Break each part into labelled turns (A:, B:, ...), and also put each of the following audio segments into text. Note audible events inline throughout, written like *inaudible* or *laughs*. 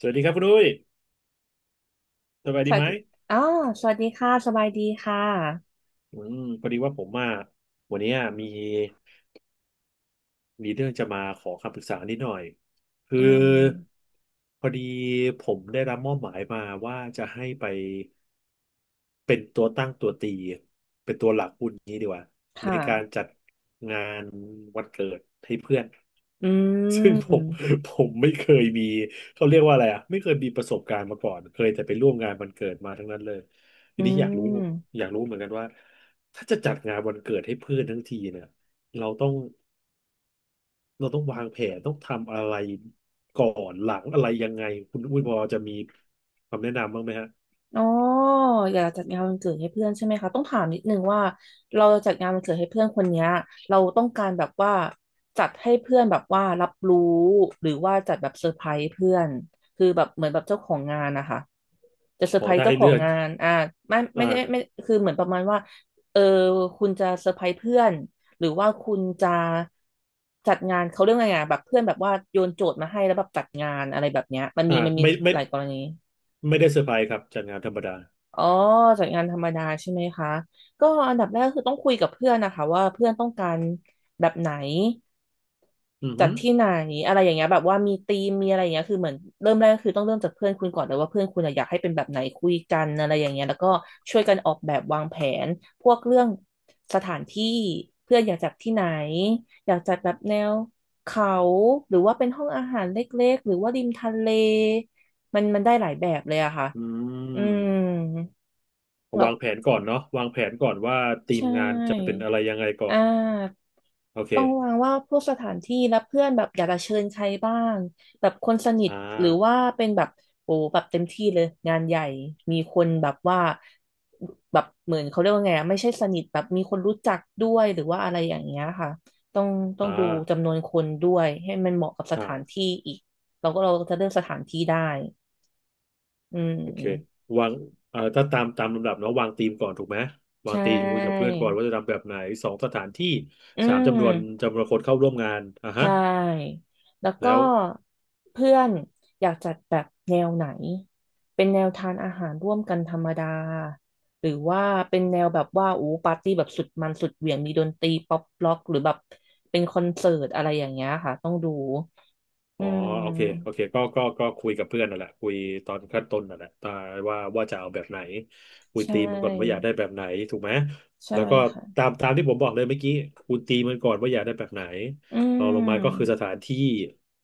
A: สวัสดีครับคุณดุ้ยสบาย
B: ส
A: ดี
B: วั
A: ไห
B: ส
A: ม
B: ดีอ๋อสวัสดีค่ะสบายดีค่ะ
A: พอดีว่าผมอ่ะวันนี้มี มีเรื่องจะมาขอคำปรึกษานิดหน่อยคือ
B: อ่า
A: พอดีผมได้รับมอบหมายมาว่าจะให้ไปเป็นตัวตั้งตัวตีเป็นตัวหลักพูดงี้ดีกว่าใน
B: ค่ะ
A: การจัดงานวันเกิดให้เพื่อน
B: อื
A: *laughs* ซึ่งผม
B: ม
A: ผมไม่เคยมีเขาเรียกว่าอะไรอ่ะไม่เคยมีประสบการณ์มาก่อนเคยแต่ไปร่วมงานวันเกิดมาทั้งนั้นเลยที
B: อื
A: นี้อยากรู้
B: ม
A: อยากรู้เหมือนกันว่าถ้าจะจัดงานวันเกิดให้เพื่อนทั้งทีเนี่ยเราต้อง เราต้องวางแผนต้องทำอะไรก่อนหลังอะไรยังไงคุณอุ้ยพอจะมีคำแนะนำบ้างไหมฮะ
B: อ๋ออยากจัดงานวันเกิดให้เพื่อนใช่ไหมคะต้องถามนิดนึงว่าเราจัดงานวันเกิดให้เพื่อนคนเนี้ยเราต้องการแบบว่าจัดให้เพื่อนแบบว่ารับรู้หรือว่าจัดแบบเซอร์ไพรส์เพื่อนคือแบบเหมือนแบบเจ้าของงานนะคะจะเซอ
A: ข
B: ร์
A: อ
B: ไพรส์
A: ถ้า
B: เจ้า
A: ให้
B: ขอ
A: เลื
B: ง
A: อก
B: งานไม่ได้ไม่
A: อ่า
B: คือเหมือนประมาณว่าเออคุณจะเซอร์ไพรส์เพื่อนหรือว่าคุณจะจัดงานเขาเรื่องไงอ่ะแบบเพื่อนแบบว่าโยนโจทย์มาให้แล้วแบบจัดงานอะไรแบบเนี้ยมัน
A: อ่า
B: มีมันมี
A: ไม่ไม่
B: หลายกรณี
A: ไม่ได้เซอร์ไพรส์ครับจากงานธรรมดา
B: อ๋อจัดงานธรรมดาใช่ไหมคะก็อันดับแรกคือต้องคุยกับเพื่อนนะคะว่าเพื่อนต้องการแบบไหน
A: อือ
B: จั
A: หื
B: ด
A: อ
B: ที่ไหนอะไรอย่างเงี้ยแบบว่ามีธีมมีอะไรอย่างเงี้ยคือเหมือนเริ่มแรกก็คือต้องเริ่มจากเพื่อนคุณก่อนเลยว่าเพื่อนคุณอะอยากให้เป็นแบบไหนคุยกันอะไรอย่างเงี้ยแล้วก็ช่วยกันออกแบบวางแผนพวกเรื่องสถานที่เพื่อนอยากจัดที่ไหนอยากจัดแบบแนวเขาหรือว่าเป็นห้องอาหารเล็กๆหรือว่าริมทะเลมันมันได้หลายแบบเลยอะค่ะ
A: อื
B: อืม
A: ม
B: แล้ว
A: วางแผนก่อนเนาะวางแผนก่อนว่าที
B: ใช
A: มงานจะเป็
B: ่
A: นอะไรยังไงก่อ
B: อ่
A: น
B: า
A: โอ
B: ต้องวา
A: เค
B: งว่าพวกสถานที่และเพื่อนแบบอยากจะเชิญใครบ้างแบบคนสนิท
A: อ่า
B: หรือว่าเป็นแบบโอ้แบบเต็มที่เลยงานใหญ่มีคนแบบว่าแบบเหมือนเขาเรียกว่าไงอะไม่ใช่สนิทแบบมีคนรู้จักด้วยหรือว่าอะไรอย่างเงี้ยค่ะต้องต้อง
A: อ่า
B: ดูจำนวนคนด้วยให้มันเหมาะกับสถาน
A: อ่า
B: ที่อีกเราก็จะเลือกสถานที่ได้อื
A: โอเค
B: ม
A: วางเอ่อถ้าตามลำดับเนาะวางธีมก่อนถูกไหมวาง
B: ใช่
A: ธีมคุยกับเพื่อนก่อนว่าจะทำแบบไหนสองสถานที่
B: อื
A: สามจำนวน
B: ม
A: จำนวนคนเข้าร่วมงานอ่ะ
B: ใช
A: ฮะ
B: ่ แล้วก็
A: แล้ว
B: เพื่อนอยากจัดแบบแนวไหน เป็นแนวทานอาหารร่วมกันธรรมดา หรือว่าเป็นแนวแบบว่าโอ้ปาร์ตี้แบบสุดมันสุดเหวี่ยงมีดนตรีป๊อปล็อกหรือแบบเป็นคอนเสิร์ตอะไรอย่างเงี้ยค่ะต้องดู
A: อ๋
B: อื
A: อโอเคโอ
B: ม
A: เคก็คุยกับเพื่อนนั่นแหละคุยตอนขั้นต้นนั่นแหละตาว่าว่าจะเอาแบบไหนคุย
B: ใช
A: ตีมมันก่อนว่าอยาก
B: ่
A: ได้แบบไหนถูกไหม
B: ใช่
A: แล้วก็
B: ค่ะ
A: ตามที่ผมบอกเลยเมื่อกี้คุณตีมันก่อนว่าอยากได้แบบไหน
B: อื
A: รองลงมาก็คือ
B: ม
A: สถานที่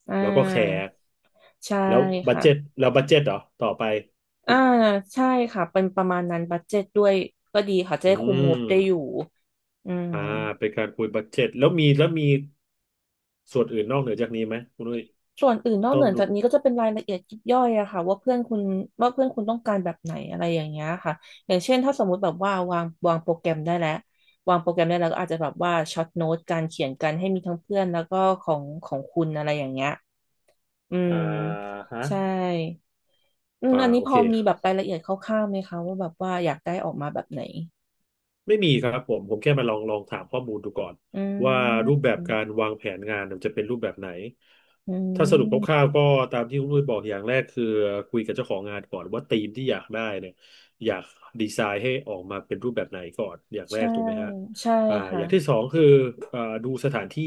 B: อ่
A: แล้วก็แข
B: า
A: ก
B: ใช่
A: แล้วบัดเจ็ต
B: ค่ะ
A: แล้วบัดเจ็ตเหรอต่อไปคุ
B: อ่า
A: ณ
B: ใช่ค่ะเป็นประมาณนั้นบัดเจ็ตด้วยก็ดีค่ะจะ
A: อื
B: ได้คุมง
A: ม
B: บได้อยู่อืม
A: อ่าเป็นการคุยบัดเจ็ตแล้วมีส่วนอื่นนอกเหนือจากนี้ไหมคุณนุ้ย
B: ส่วนอื่นนอก
A: ต้
B: เห
A: อ
B: นือ
A: ดู
B: จากนี้ก็จะเป็นรายละเอียดยิบย่อยอะค่ะว่าเพื่อนคุณต้องการแบบไหนอะไรอย่างเงี้ยค่ะอย่างเช่นถ้าสมมุติแบบว่าวางโปรแกรมได้แล้ววางโปรแกรมได้แล้วก็อาจจะแบบว่าช็อตโน้ตการเขียนกันให้มีทั้งเพื่อนแล้วก็ของคุณอะไรอย่างเงี้ยอืม
A: อ่าฮะ
B: ใช่อืม
A: อ่า
B: อันนี้
A: โอ
B: พ
A: เค
B: อมีแบบรายละเอียดคร่าวๆไหมคะว่าแบบว่าอยากได้ออกมาแบบไหน
A: ไม่มีครับผมแค่มาลองถามข้อมูลดูก่อน
B: อื
A: ว่ารูปแบ
B: ม
A: บการวางแผนงานมันจะเป็นรูปแบบไหน
B: อื
A: ถ้าสรุปค
B: ม
A: ร่าวๆก็ตามที่คุณลุยบอกอย่างแรกคือคุยกับเจ้าของงานก่อนว่าธีมที่อยากได้เนี่ยอยากดีไซน์ให้ออกมาเป็นรูปแบบไหนก่อนอย่างแรก
B: ใช่
A: ถูกไหมฮะ
B: ใช่
A: อ
B: ค่ะ
A: ย่างที่สองคือดูสถานที่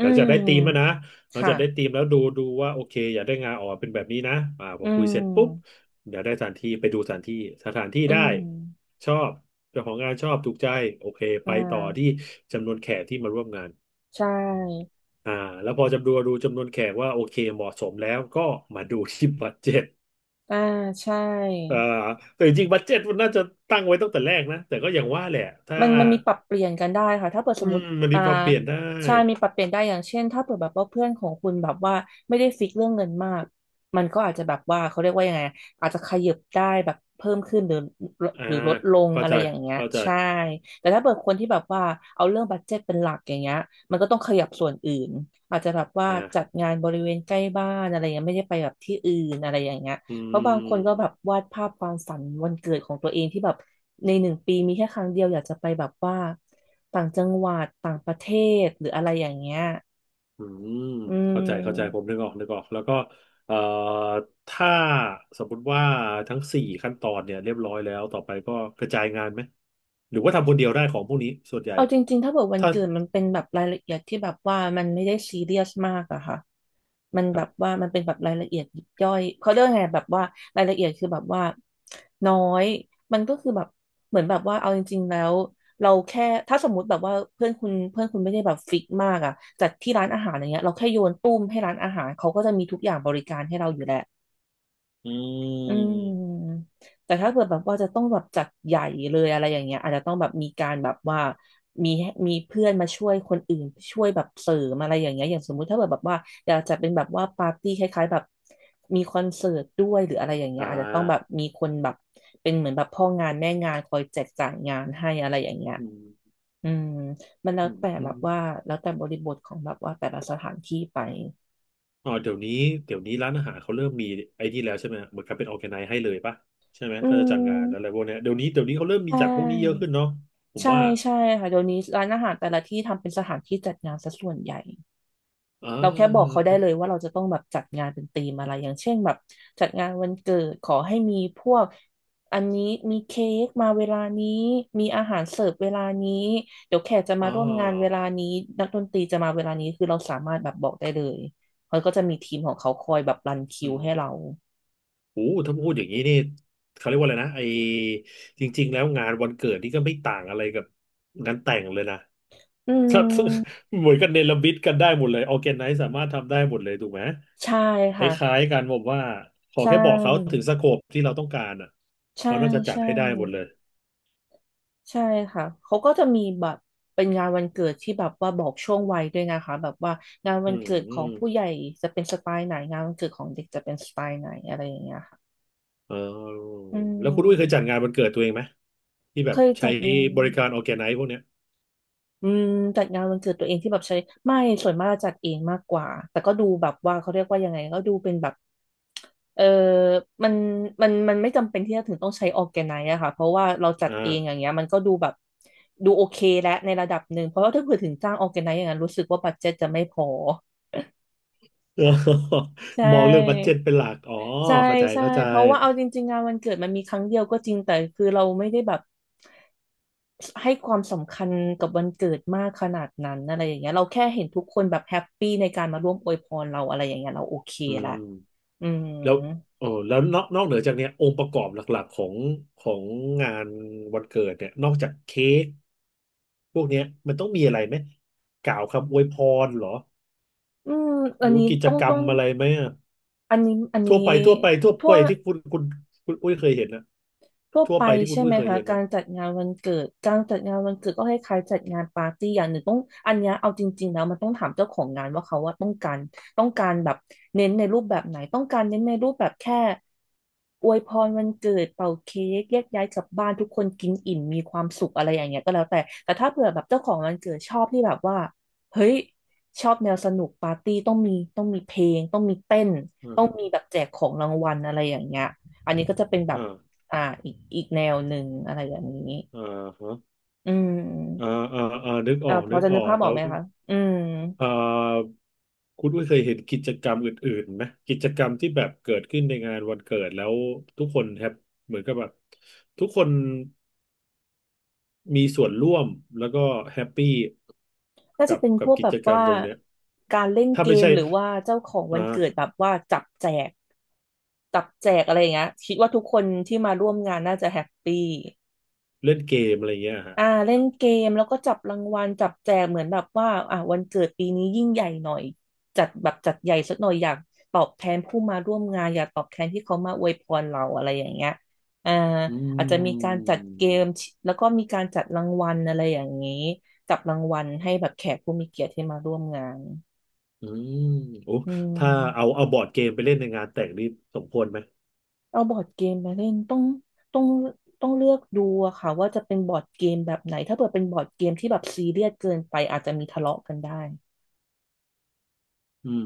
A: ห
B: ื
A: ลังจากได้ธีมแล้วนะ
B: ม
A: หลังจา
B: ค่ะ
A: กได้ธีมแล้วดูว่าโอเคอยากได้งานออกมาเป็นแบบนี้นะพอ
B: อื
A: คุยเสร็จปุ๊บ
B: ม
A: อยากได้สถานที่ไปดูสถานที่สถานที่
B: อื
A: ได้
B: ม
A: ชอบเจ้าของงานชอบถูกใจโอเค
B: อ่
A: ไปต่อที่
B: า
A: จำนวนแขกที่มาร่วมงาน
B: ใช่
A: อ่าแล้วพอดูจำนวนแขกว่าโอเคเหมาะสมแล้วก็มาดูที่ *laughs* บัดเจ็ต
B: อ่าใช่
A: อ่าแต่จริงๆบัดเจ็ตมันน่าจะตั้งไว้ตั้งแต่แรกนะแต่ก็อย่างว่าแหละถ้า
B: มันมีปรับเปลี่ยนกันได้ค่ะถ้าเปิด
A: อื
B: สมม
A: ม
B: ติ
A: มันมี
B: อ่า
A: ปรับเปลี่ยนได้
B: ใช่มีปรับเปลี่ยนได้อย่างเช่นถ้าเปิดแบบว่าเพื่อนของคุณแบบว่าไม่ได้ฟิกเรื่องเงินมากมันก็อาจจะแบบว่าเขาเรียกว่ายังไงอาจจะขยับได้แบบเพิ่มขึ้นหรือ
A: อ่า
B: หรือลดลง
A: เข้า
B: อะ
A: ใจ
B: ไรอย่างเงี้ย
A: เข้าใจ
B: ใช่แต่ถ้าเปิดคนที่แบบว่าเอาเรื่องบัดเจ็ตเป็นหลักอย่างเงี้ยมันก็ต้องขยับส่วนอื่นอาจจะแบบว่าจั
A: อ่า
B: ดงานบริเวณใกล้บ้านอะไรเงี้ยไม่ได้ไปแบบที่อื่นอะไรอย่างเงี้ย
A: อื
B: เพราะบางคนก็แบบ
A: ม
B: วาดภาพความฝันวันเกิดของตัวเองที่แบบในหนึ่งปีมีแค่ครั้งเดียวอยากจะไปแบบว่าต่างจังหวัดต่างประเทศหรืออะไรอย่างเงี้ย
A: อืม
B: อื
A: เข้าใจเข้าใจผ
B: ม
A: มนึกออกนึกออก แล้วก็เอ่อถ้าสมมติว่าทั้งสี่ขั้นตอนเนี่ยเรียบร้อยแล้ว ต่อไปก็กระจายงานไหม หรือว่าทำคนเดียวได้ของพวกนี้ส่วนใหญ่
B: เอาจริงๆถ้าเกิดวัน
A: ถ้า
B: เกิดมันเป็นแบบรายละเอียดที่แบบว่ามันไม่ได้ซีเรียสมากอะค่ะมัน
A: ค
B: แบ
A: รั
B: บ
A: บ
B: ว่ามันเป็นแบบรายละเอียดยิบย่อยเขาเรียกไงแบบว่ารายละเอียดคือแบบว่าน้อยมันก็คือแบบเหมือนแบบว่าเอาจริงๆแล้วเราแค่ถ้าสมมุติแบบว่าเพื่อนคุณไม่ได้แบบฟิกมากอะจัดที่ร้านอาหารอย่างเงี้ยเราแค่โยนตุ้มให้ร้านอาหารเขาก็จะมีทุกอย่างบริการให้เราอยู่แล้ว
A: อื
B: อื
A: ม
B: มแต่ถ้าเกิดแบบว่าจะต้องแบบจัดใหญ่เลยอะไรอย่างเงี้ยอาจจะต้องแบบมีการแบบว่ามีมีเพื่อนมาช่วยคนอื่นช่วยแบบเสริมอะไรอย่างเงี้ยอย่างสมมุติถ้าเกิดแบบว่าอยากจะเป็นแบบว่าปาร์ตี้คล้ายๆแบบมีคอนเสิร์ตด้วยหรืออะไรอย่างเงี้
A: อ่
B: ยอาจจะต้องแบบ
A: า
B: มีคนแบบเป็นเหมือนแบบพ่องานแม่งานคอยแจกจ่ายงานให้อะไรอย่างเงี้ย
A: อืม
B: อืมมันแล้ว
A: อืม
B: แต่
A: อ
B: แบบ
A: ม
B: ว่าแล้วแต่บริบทของแบบว่าแต่ละสถานที่ไป
A: อ๋อเดี๋ยวนี้ร้านอาหารเขาเริ่มมีไอ้นี่แล้วใช่ไหม เหมือนกับเป็นออร์แกไนซ์ให้เลยป่ะใช่ไหม
B: อื
A: ถ้าจะจัดงานอะไร
B: ม
A: พวกเนี้ยเดี๋ยวนี้เขาเริ่มมี
B: ใช่
A: จัดพวกนี้เยอะขึ้นเนาะผม
B: ใช่
A: ว่า
B: ใช่ค่ะเดี๋ยวนี้ร้านอาหารแต่ละที่ทำเป็นสถานที่จัดงานซะส่วนใหญ่
A: อ่
B: เราแค่บอกเขา
A: า
B: ได้เลยว่าเราจะต้องแบบจัดงานเป็นธีมอะไรอย่างเช่นแบบจัดงานวันเกิดขอให้มีพวกอันนี้มีเค้กมาเวลานี้มีอาหารเสิร์ฟเวลานี้เดี๋ยวแขกจะ
A: อ่
B: มาร่วมงานเว
A: า
B: ลานี้นักดนตรีจะมาเวลานี้คือเราสามารถแบบบอกได้เลยเขาก็จะมีทีมของเขาคอยแบบรันคิ
A: อื
B: ว
A: ม
B: ให้เรา
A: โอ้ถ้าพูดอย่างนี้นี่เขาเรียกว่าอะไรนะจริงๆแล้วงานวันเกิดนี่ก็ไม่ต่างอะไรกับงานแต่งเลยนะ
B: อื
A: *laughs* ถ้า
B: ม
A: เหมือนกันเนรมิตกันได้หมดเลยออร์แกไนซ์สามารถทำได้หมดเลยถูกไหม
B: ใช่
A: ค
B: ค่ะ
A: ล้ายๆกันผมว่าขอ
B: ใช่
A: แค่บอกเขาถึงสโคปที่เราต้องการอ่ะ
B: ใช่
A: เราน่าจะจัด
B: ใช่
A: ให้ได้หมดเลย
B: ใช่ค่ะ เขาก็จะมีแบบเป็นงานวันเกิดที่แบบว่าบอกช่วงวัยด้วยนะคะแบบว่างาน
A: อื
B: วัน
A: ม
B: เกิด
A: อื
B: ขอ
A: ม
B: งผู้ใหญ่จะเป็นสไตล์ไหนงานวันเกิดของเด็กจะเป็นสไตล์ไหนอะไรอย่างเงี้ยค่ะ
A: เออ
B: อื
A: แล้วคุณอุ้ยเคยจัด
B: ม
A: งานวันเกิดตัวเองไหมที่แบ
B: เค
A: บ
B: ย
A: ใช้
B: จัดงาน
A: บริการออร์แกไนซ์พวกเนี้ย
B: อืมจัดงานวันเกิดตัวเองที่แบบใช้ไม่ส่วนมากจะจัดเองมากกว่าแต่ก็ดูแบบว่าเขาเรียกว่ายังไงก็ดูเป็นแบบเออมันมันไม่จำเป็นที่จะถึงต้องใช้ออร์แกไนซ์อะค่ะเพราะว่าเราจัด
A: อ่า
B: เองอย่างเงี้ยมันก็ดูแบบดูโอเคและในระดับหนึ่งเพราะว่าถ้าเผื่อถึงจ้างออร์แกไนซ์อย่างนั้นรู้สึกว่าบัดเจ็ตจะไม่พอใช
A: *laughs* มองเรื่องบัดเจ็
B: ่
A: ตเป็นหลักอ๋อ
B: ใช่
A: เข้าใจ
B: ใช่
A: เข้าใจ
B: เพราะว่าเอาจริงๆงานวันเกิดมันมีครั้งเดียวก็จริงแต่คือเราไม่ได้แบบให้ความสำคัญกับวันเกิดมากขนาดนั้นอะไรอย่างเงี้ยเราแค่เห็นทุกคนแบบแฮปปี้ในการมาร่วมอวยพรเราอะไรอย่างเงี้ยเราโอเค
A: อื
B: ละ
A: ม
B: อืม
A: แล้วเออแล้วนอกเหนือจากเนี้ยองค์ประกอบหลักๆของงานวันเกิดเนี่ยนอกจากเค้กพวกเนี้ยมันต้องมีอะไรไหมกล่าวคำอวยพรเหรอ
B: อืม
A: ห
B: อั
A: รื
B: น
A: อ
B: นี้
A: ว่ากิจ
B: ต้อง
A: กรร
B: ต้อ
A: ม
B: ง
A: อะไรไหมอะ
B: อันนี้อัน
A: ทั่
B: นี้
A: วไปทั่วไปทั่ว
B: ทั่
A: ไป
B: ว
A: ที่คุณอุ้ยเคยเห็นนะ
B: ทั่ว
A: ทั่ว
B: ไป
A: ไปที่คุ
B: ใช่
A: ณอุ้
B: ไหม
A: ยเคย
B: คะ
A: เห็น
B: กา
A: นะ
B: รจัดงานวันเกิดการจัดงานวันเกิดก็คล้ายๆจัดงานปาร์ตี้อย่างหนึ่งต้องอันเนี้ยเอาจริงๆแล้วมันต้องถามเจ้าของงานว่าเขาว่าต้องการต้องการแบบเน้นในรูปแบบไหนต้องการเน้นในรูปแบบแค่อวยพรวันเกิดเป่าเค้กแยกย้ายกลับบ้านทุกคนกินอิ่มมีความสุขอะไรอย่างเงี้ยก็แล้วแต่แต่ถ้าเผื่อแบบเจ้าของวันเกิดชอบที่แบบว่าเฮ้ยชอบแนวสนุกปาร์ตี้ต้องมีต้องมีเพลงต้องมีเต้น
A: อ่า
B: ต้อง
A: ฮะ
B: มีแบบแจกของรางวัลอะไรอย่างเงี้ยอันนี้ก็จะเป็นแบบ
A: อ่า
B: อ่าอีกอีกแนวหนึ่งอะไรอย่างนี้
A: อ่าฮะ
B: อื
A: อ่า
B: ม
A: อ่าอ่านึกอ
B: อ่า
A: อก
B: พอ
A: นึก
B: จะ
A: อ
B: นึ
A: อ
B: ก
A: ก
B: ภาพอ
A: แล้
B: อก
A: ว
B: ไหมคะอืม
A: เอ่อคุณอุ้ยเคยเห็นกิจกรรมอื่นๆไหมกิจกรรมที่แบบเกิดขึ้นในงานวันเกิดแล้วทุกคนแฮปเหมือนกับแบบทุกคนมีส่วนร่วมแล้วก็แฮปปี้
B: น่า
A: กั
B: จะ
A: บ
B: เป็นพ
A: กับ
B: วก
A: กิ
B: แบ
A: จ
B: บ
A: กรรม
B: ว่า
A: ตรงเนี้ย
B: การเล่น
A: ถ้า
B: เก
A: ไม่
B: ม
A: ใช่
B: หรือว่าเจ้าของ
A: อ
B: วันเกิดแบ
A: ่า
B: บว่าจับแจกจับแจกอะไรอย่างเงี้ยคิดว่าทุกคนที่มาร่วมงานน่าจะแฮปปี้
A: เล่นเกมอะไรเงี้ยฮะ
B: อ่าเล่นเกมแล้วก็จับรางวัลจับแจกเหมือนแบบว่าอ่าวันเกิดปีนี้ยิ่งใหญ่หน่อยจัดแบบจัดใหญ่สักหน่อยอยากตอบแทนผู้มาร่วมงานอยากตอบแทนที่เขามาอวยพรเราอะไรอย่างเงี้ยอ่า
A: อื
B: อาจจะมีการจัดเกม
A: ม
B: แล้วก็มีการจัดรางวัลอะไรอย่างนี้จับรางวัลให้แบบแขกผู้มีเกียรติที่มาร่วมงาน
A: อืมโอ้
B: อื
A: ถ้าเอา
B: ม
A: เอาบอร์ดเกมไปเล่นในงานแต่งนี่สมควรไหม
B: เอาบอร์ดเกมมาเล่นต้องต้องเลือกดูอะค่ะว่าจะเป็นบอร์ดเกมแบบไหนถ้าเกิดเป็นบอร์ดเกมที่แบบซีเรียสเกินไปอาจจะมีทะเลาะกันได้
A: อืม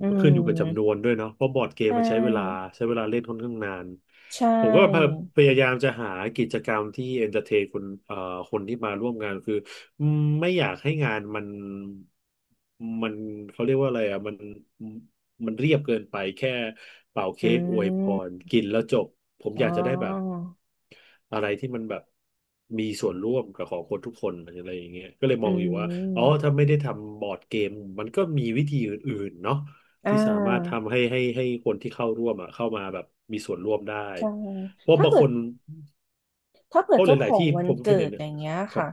B: อื
A: มันขึ้นอยู่กับจำนว
B: ม
A: นด้วยเนาะเพราะบอร์ดเก
B: ใช
A: มมันใช้เวลา
B: ่
A: ใช้เวลาเล่นค่อนข้างนาน
B: ใช
A: ผมก็
B: ่
A: พยายามจะหากิจกรรมที่เอนเตอร์เทนคนคนที่มาร่วมงานคืออืมไม่อยากให้งานมันเขาเรียกว่าอะไรอ่ะมันเรียบเกินไปแค่เป่า
B: อื
A: เค้กอวยพร
B: ม
A: กินแล้วจบผม
B: อ๋
A: อยา
B: อ
A: กจะได้แบบอะไรที่มันแบบมีส่วนร่วมกับของคนทุกคนอะไรอย่างเงี้ยก็เลย
B: อื
A: มองอยู่ว่า อ๋อ
B: ม
A: ถ้าไม่ได้ทำบอร์ดเกมมันก็มีวิธีอื่นๆเนาะ
B: อ่
A: ที่สามารถ
B: า
A: ทำให้คนที่เข้าร่วมอ่ะเข้ามาแบบมีส่วนร่วมได้
B: ใช่
A: เพราะ
B: ถ้า
A: บาง
B: เกิ
A: ค
B: ด
A: น
B: ถ้าเกิ
A: เพ
B: ด
A: ราะห
B: เจ้าข
A: ลาย
B: อ
A: ๆ
B: ง
A: ที่
B: วั
A: ผ
B: น
A: มเค
B: เกิ
A: ยเห็
B: ด
A: นเนี่
B: อ
A: ย
B: ย่างเงี้ย
A: ครับ
B: ค่ะ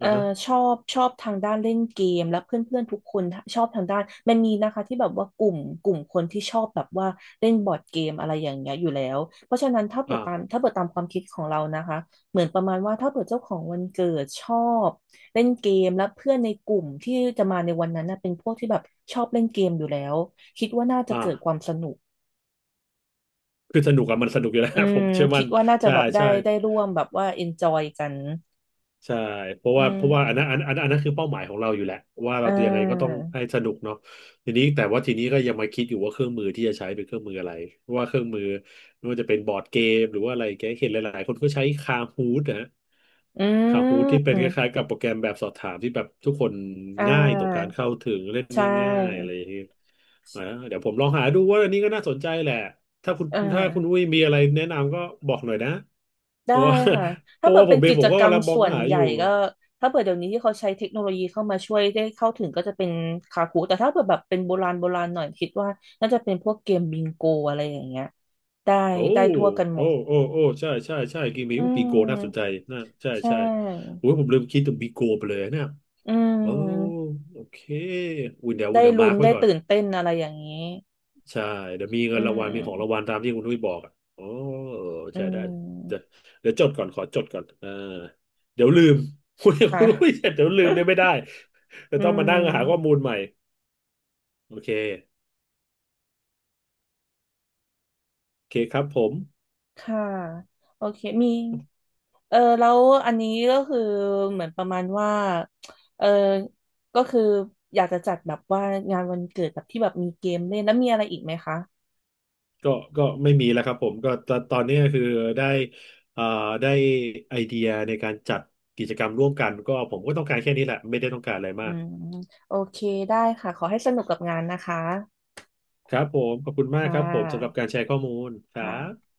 B: เอ่
A: ่า
B: อ
A: ฮะ
B: ชอบชอบทางด้านเล่นเกมและเพื่อนๆทุกคนชอบทางด้านมันมีนะคะที่แบบว่ากลุ่มกลุ่มคนที่ชอบแบบว่าเล่นบอร์ดเกมอะไรอย่างเงี้ยอยู่แล้ว เพราะฉะนั้นถ้าเปิ
A: อ่า
B: ดตามถ้าเปิดตามความคิดของเรานะคะเหมือนประมาณว่าถ้าเปิดเจ้าของวันเกิดชอบเล่นเกมและเพื่อนในกลุ่มที่จะมาในวันนั้นนะเป็นพวกที่แบบชอบเล่นเกมอยู่แล้ว คิดว่าน่าจะ
A: อ่า
B: เกิดความสนุก
A: คือสนุกอะมันสนุกอยู่แล้ว
B: อื
A: *laughs* ผ
B: ม
A: มเชื่อมั่
B: คิ
A: น
B: ดว่าน่าจะ
A: ใช่
B: แบบได้
A: ใช่
B: ได้ร่วมแบบว่า enjoy กัน
A: ใช่เพราะ
B: อื
A: ว่าเพราะว่าอันนั้
B: ม
A: นอันนั้นคือเป้าหมายของเราอยู่แหละว่าเรา
B: อ่
A: ตัวยังไงก็ต้อง
B: า
A: ให้สนุกเนาะ ทีนี้แต่ว่าทีนี้ก็ยังมาคิดอยู่ว่าเครื่องมือที่จะใช้เป็นเครื่องมืออะไรว่าเครื่องมือไม่ว่าจะเป็นบอร์ดเกมหรือว่าอะไรแกเห็นหลายๆคนก็ใช้คาฮูดนะฮะ
B: อื
A: คาฮูดที่เป็นคล้าย
B: ม
A: ๆกับโปรแกรมแบบสอบถามที่แบบทุกคน
B: อ่
A: ง่ายต่อการ
B: า
A: เข้าถึงเล่น
B: ใช
A: ได้ง่ายอะไร
B: ่
A: อย่างเงี้ยนะเดี๋ยวผมลองหาดูว่าอันนี้ก็น่าสนใจแหละถ้าคุณ
B: อ่า
A: ถ้าคุณอุ้ยมีอะไรแนะนำก็บอกหน่อยนะเพ
B: ได้
A: ราะว่า
B: ค่ะ
A: *laughs* เพ
B: ถ้า
A: ราะ
B: เกิ
A: ว่า
B: ด
A: ผ
B: เป็
A: ม
B: น
A: เอง
B: กิ
A: ผ
B: จ
A: มก็
B: กรร
A: กำ
B: ม
A: ลังมอง
B: ส่วน
A: หา
B: ให
A: อ
B: ญ่
A: ยู่
B: ก็ถ้าเกิดเดี๋ยวนี้ที่เขาใช้เทคโนโลยีเข้ามาช่วยได้เข้าถึงก็จะเป็นคาคูแต่ถ้าเกิดแบบเป็นโบราณโบราณหน่อยคิดว่าน่าจะเป็นพวกเกมบิงโกอะไรอย่างเงี้ยได้
A: โอ้
B: ได้ทั่วกันหม
A: โอ้
B: ด
A: โอ้โอ้ใช่ใช่ใช่เกมนี้
B: อื
A: ปีโกน่าสนใจ
B: ม
A: น่าใช่
B: ใช
A: ใช่
B: ่
A: โอ้ยผมลืมคิดถึงปีโกไปเลยเนี่ย
B: อื
A: โอ้
B: ม
A: โอเคอุ่นเดี๋ยวอุ่น
B: ได้
A: เดี๋ยวมา
B: ลุ้
A: ร์
B: น
A: กไว้
B: ได้
A: ก่อน
B: ตื่นเต้นอะไรอย่างนี้
A: ใช่เดี๋ยวมีเงิ
B: อื
A: นรางวัลมีของรางวัล
B: ม
A: ตามที่คุณนุ้ยบอกอ่ะโอ้เออ
B: อื
A: ใช่ได้เดี๋ยว
B: ม
A: เดี๋ยวจดก่อน ขอจดก่อนเดี๋ยวลืม *laughs* คุณคุ
B: ค่ะ
A: ณนุ้ยเดี๋ยวลืมเดี๋ยวไม่ได้
B: *laughs*
A: เดี๋ย
B: อื
A: วต้องมานั่งหาข้อมู
B: ม
A: ลใหม่ โอเคโอเคครับผม
B: ค่ะโอเคมีเออแล้วอันนี้ก็คือเหมือนประมาณว่าเออก็คืออยากจะจัดแบบว่างานวันเกิดแบบที่แบบมีเกมเล่นแล้วมีอะไรอีกไหมคะ
A: ก็ก็ไม่มีแล้วครับผมก็ตตอนนี้ก็คือได้เอ่อได้ไอเดียในการจัดกิจกรรมร่วมกันก็ผมก็ต้องการแค่นี้แหละไม่ได้ต้องการอะไร
B: อื
A: มาก
B: มโอเคได้ค่ะขอให้สนุกกับงานนะคะ
A: ครับผมขอบคุณมาก
B: ค่
A: ครับผมสำหรับ
B: ะ
A: การแชร์ข้อมูลครั
B: ค่ะ
A: บ